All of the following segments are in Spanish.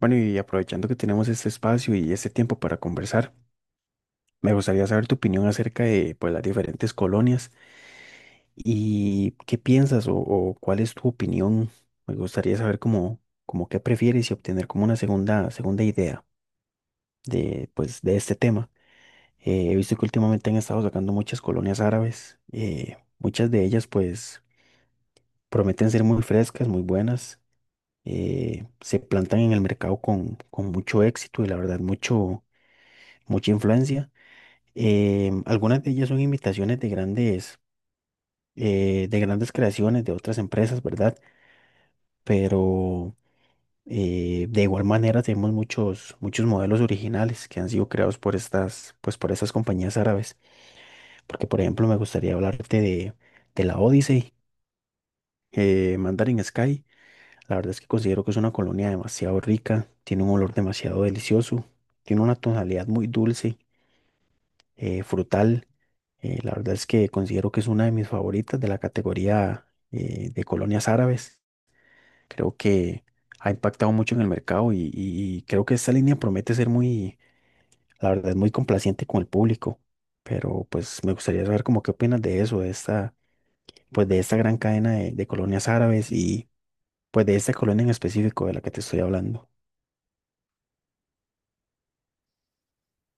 Bueno, y aprovechando que tenemos este espacio y este tiempo para conversar, me gustaría saber tu opinión acerca de, pues, las diferentes colonias y qué piensas o cuál es tu opinión. Me gustaría saber cómo, cómo qué prefieres y obtener como una segunda idea de, pues, de este tema. He visto que últimamente han estado sacando muchas colonias árabes. Muchas de ellas pues prometen ser muy frescas, muy buenas. Se plantan en el mercado con mucho éxito y la verdad mucho, mucha influencia. Algunas de ellas son imitaciones de grandes creaciones de otras empresas, ¿verdad? Pero de igual manera tenemos muchos, muchos modelos originales que han sido creados por estas, pues por estas compañías árabes. Porque, por ejemplo, me gustaría hablarte de la Odyssey, Mandarin Sky. La verdad es que considero que es una colonia demasiado rica, tiene un olor demasiado delicioso, tiene una tonalidad muy dulce, frutal. La verdad es que considero que es una de mis favoritas de la categoría, de colonias árabes. Creo que ha impactado mucho en el mercado y creo que esta línea promete ser muy, la verdad, muy complaciente con el público. Pero pues me gustaría saber como qué opinas de eso, de esta, pues de esta gran cadena de colonias árabes y pues de esta colonia en específico de la que te estoy hablando.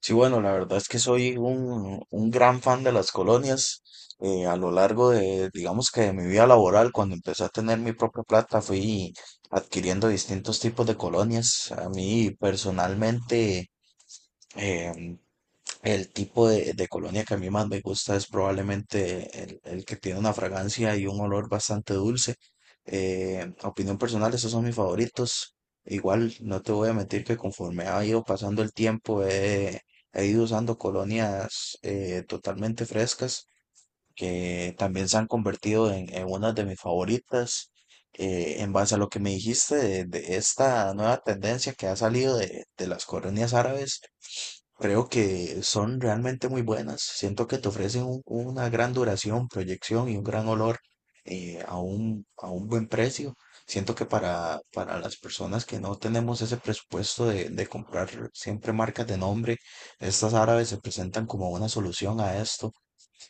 Sí, bueno, la verdad es que soy un gran fan de las colonias. A lo largo de, digamos que de mi vida laboral, cuando empecé a tener mi propia plata, fui adquiriendo distintos tipos de colonias. A mí personalmente, em, el tipo de colonia que a mí más me gusta es probablemente el que tiene una fragancia y un olor bastante dulce. Opinión personal, esos son mis favoritos. Igual, no te voy a mentir que conforme ha ido pasando el tiempo, he ido usando colonias totalmente frescas que también se han convertido en una de mis favoritas. En base a lo que me dijiste de esta nueva tendencia que ha salido de las colonias árabes. Creo que son realmente muy buenas. Siento que te ofrecen una gran duración, proyección y un gran olor a un buen precio. Siento que para las personas que no tenemos ese presupuesto de comprar siempre marcas de nombre, estas árabes se presentan como una solución a esto.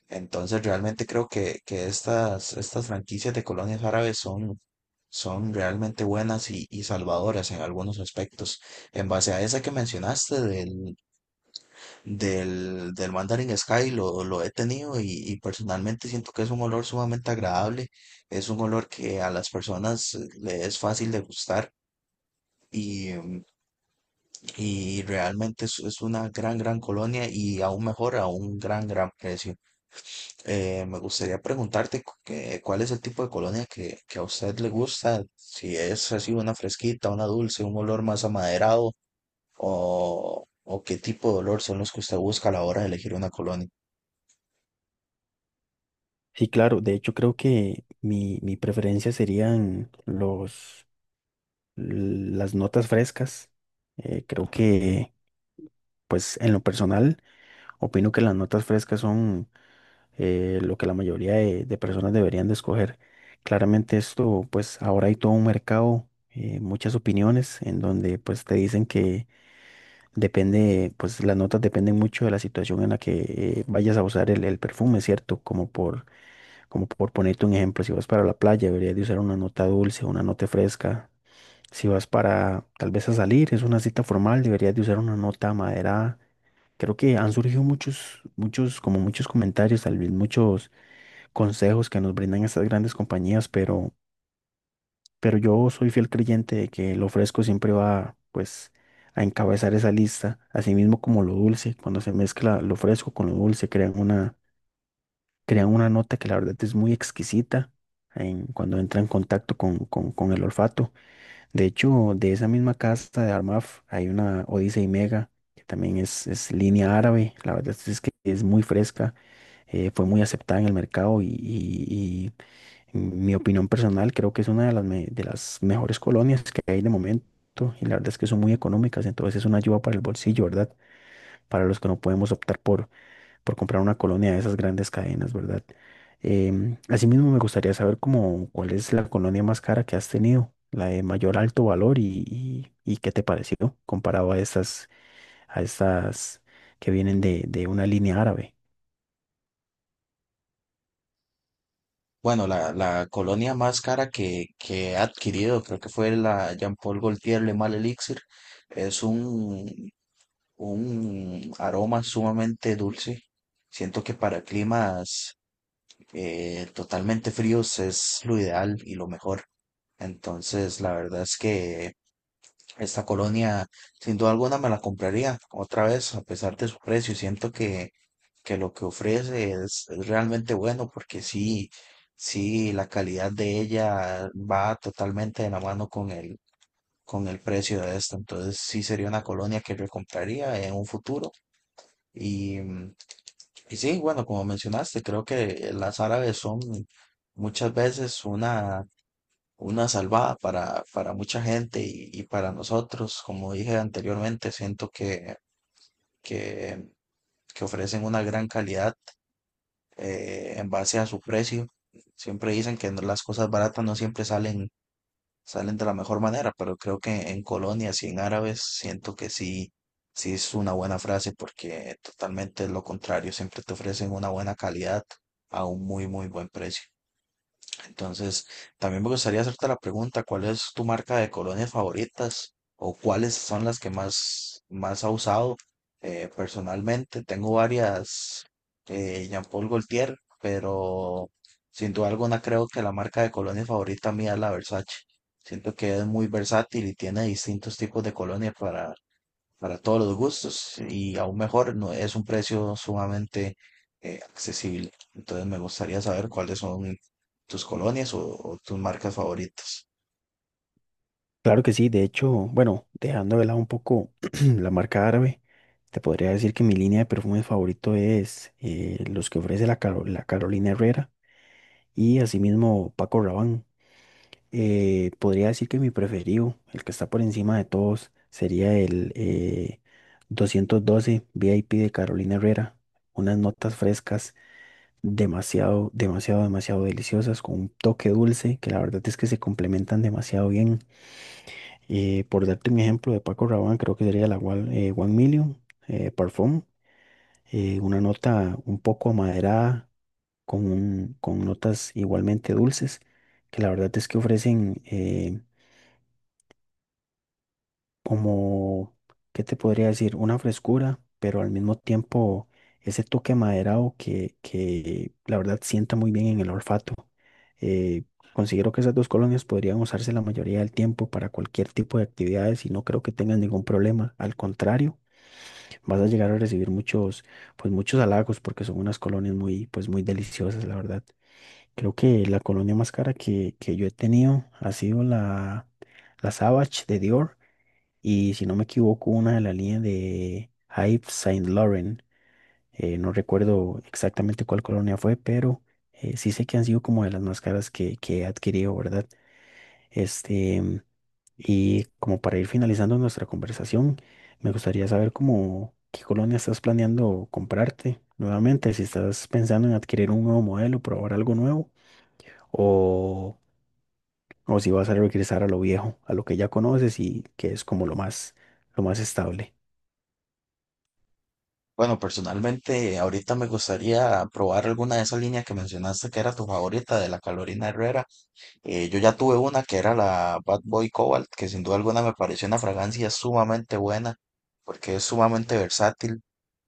Entonces realmente creo que estas, estas franquicias de colonias árabes son, son realmente buenas y salvadoras en algunos aspectos. En base a esa que mencionaste del, del Mandarin Sky lo he tenido y personalmente siento que es un olor sumamente agradable, es un olor que a las personas le es fácil de gustar y, y realmente es una gran, gran colonia y aún mejor a un gran, gran precio. Me gustaría preguntarte cuál es el tipo de colonia que a usted le gusta, si es así una fresquita, una dulce, un olor más amaderado o qué tipo de olor son los que usted busca a la hora de elegir una colonia. Sí, claro, de hecho creo que mi preferencia serían los las notas frescas. Creo que, pues en lo personal, opino que las notas frescas son, lo que la mayoría de personas deberían de escoger. Claramente esto, pues ahora hay todo un mercado, muchas opiniones en donde pues te dicen que depende, pues las notas dependen mucho de la situación en la que, vayas a usar el perfume, ¿cierto? Como por ponerte un ejemplo, si vas para la playa, deberías de usar una nota dulce, una nota fresca. Si vas para tal vez a salir, es una cita formal, deberías de usar una nota maderada. Creo que han surgido muchos, muchos, como muchos comentarios, tal vez muchos consejos que nos brindan estas grandes compañías, pero yo soy fiel creyente de que lo fresco siempre va, pues, a encabezar esa lista, así mismo como lo dulce, cuando se mezcla lo fresco con lo dulce, crean una nota que la verdad es muy exquisita en, cuando entra en contacto con el olfato. De hecho, de esa misma casta de Armaf hay una Odyssey Mega, que también es línea árabe. La verdad es que es muy fresca, fue muy aceptada en el mercado y en mi opinión personal creo que es una de las, me- de las mejores colonias que hay de momento. Y la verdad es que son muy económicas, entonces es una ayuda para el bolsillo, ¿verdad? Para los que no podemos optar por comprar una colonia de esas grandes cadenas, ¿verdad? Asimismo, me gustaría saber cómo, cuál es la colonia más cara que has tenido, la de mayor alto valor y qué te pareció comparado a estas que vienen de una línea árabe. Bueno, la colonia más cara que he adquirido, creo que fue la Jean-Paul Gaultier Le Mal Elixir. Es un aroma sumamente dulce. Siento que para climas totalmente fríos es lo ideal y lo mejor. Entonces, la verdad es que esta colonia, sin duda alguna, me la compraría otra vez, a pesar de su precio. Siento que lo que ofrece es realmente bueno, porque sí, sí, la calidad de ella va totalmente de la mano con el precio de esta. Entonces, sí sería una colonia que recompraría en un futuro. Y, mm, y sí, bueno, como mencionaste, creo que las árabes son muchas veces una salvada para mucha gente y para nosotros. Como dije anteriormente, siento que, que ofrecen una gran calidad en base a su precio. Siempre dicen que las cosas baratas no siempre salen, salen de la mejor manera, pero creo que en colonias y en árabes siento que sí, sí es una buena frase porque totalmente es lo contrario, siempre te ofrecen una buena calidad a un muy, muy buen precio. Entonces, también me gustaría hacerte la pregunta, ¿cuál es tu marca de colonias favoritas o cuáles son las que más, más ha usado personalmente? Tengo varias Jean Paul Gaultier, pero sin duda alguna creo que la marca de colonias favorita mía es la Versace. Siento que es muy versátil y tiene distintos tipos de colonias para todos los gustos y aún mejor, no, es un precio sumamente accesible. Entonces me gustaría saber cuáles son tus colonias o tus marcas favoritas. Claro que sí, de hecho, bueno, dejando de lado un poco la marca árabe, te podría decir que mi línea de perfumes favorito es, los que ofrece la, Caro- la Carolina Herrera y asimismo Paco Rabanne. Podría decir que mi preferido, el que está por encima de todos, sería el 212 VIP de Carolina Herrera. Unas notas frescas, demasiado, demasiado, demasiado deliciosas, con un toque dulce, que la verdad es que se complementan demasiado bien. Por darte un ejemplo de Paco Rabanne, creo que sería la One, One Million, Parfum. Una nota un poco amaderada, con, un- con notas igualmente dulces, que la verdad es que ofrecen... como, ¿qué te podría decir? Una frescura, pero al mismo tiempo ese toque maderado que la verdad sienta muy bien en el olfato. Eh, Considero que esas dos colonias podrían usarse la mayoría del tiempo para cualquier tipo de actividades y no creo que tengas ningún problema. Al contrario, vas a llegar a recibir muchos, pues muchos halagos porque son unas colonias muy, pues muy deliciosas, la verdad. Creo que la colonia más cara que yo he tenido ha sido la, la Savage de Dior y si no me equivoco, una de la línea de Hype Saint Laurent, no recuerdo exactamente cuál colonia fue, pero sí sé que han sido como de las más caras que he adquirido, ¿verdad? Este, y como para ir finalizando nuestra conversación, me gustaría saber cómo, qué colonia estás planeando comprarte nuevamente, si estás pensando en adquirir un nuevo modelo, probar algo nuevo, o, o si vas a regresar a lo viejo, a lo que ya conoces y que es como lo más estable. Bueno, personalmente, ahorita me gustaría probar alguna de esas líneas que mencionaste que era tu favorita de la Carolina Herrera. Yo ya tuve una que era la Bad Boy Cobalt, que sin duda alguna me pareció una fragancia sumamente buena porque es sumamente versátil.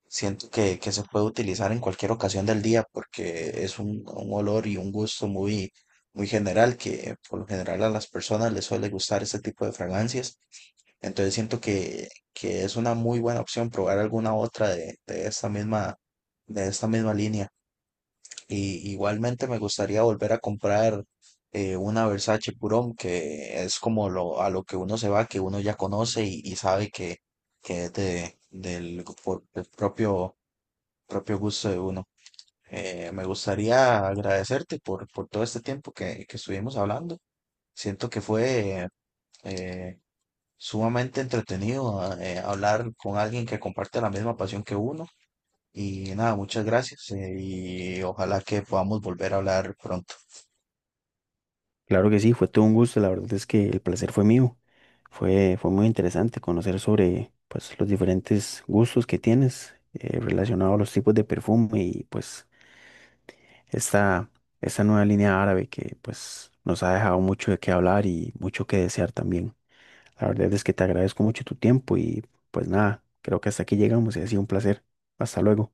Siento que se puede utilizar en cualquier ocasión del día porque es un olor y un gusto muy, muy general que por lo general a las personas les suele gustar este tipo de fragancias. Entonces siento que es una muy buena opción probar alguna otra de esta misma línea. Y igualmente me gustaría volver a comprar una Versace Purón que es como lo, a lo que uno se va, que uno ya conoce y sabe que es de, del propio propio gusto de uno. Me gustaría agradecerte por todo este tiempo que estuvimos hablando. Siento que fue eh, sumamente entretenido hablar con alguien que comparte la misma pasión que uno. Y nada, muchas gracias y ojalá que podamos volver a hablar pronto. Claro que sí, fue todo un gusto. La verdad es que el placer fue mío. Fue muy interesante conocer sobre, pues, los diferentes gustos que tienes, relacionado a los tipos de perfume y pues esta, esta nueva línea árabe que pues nos ha dejado mucho de qué hablar y mucho que desear también. La verdad es que te agradezco mucho tu tiempo y pues nada, creo que hasta aquí llegamos y ha sido un placer. Hasta luego.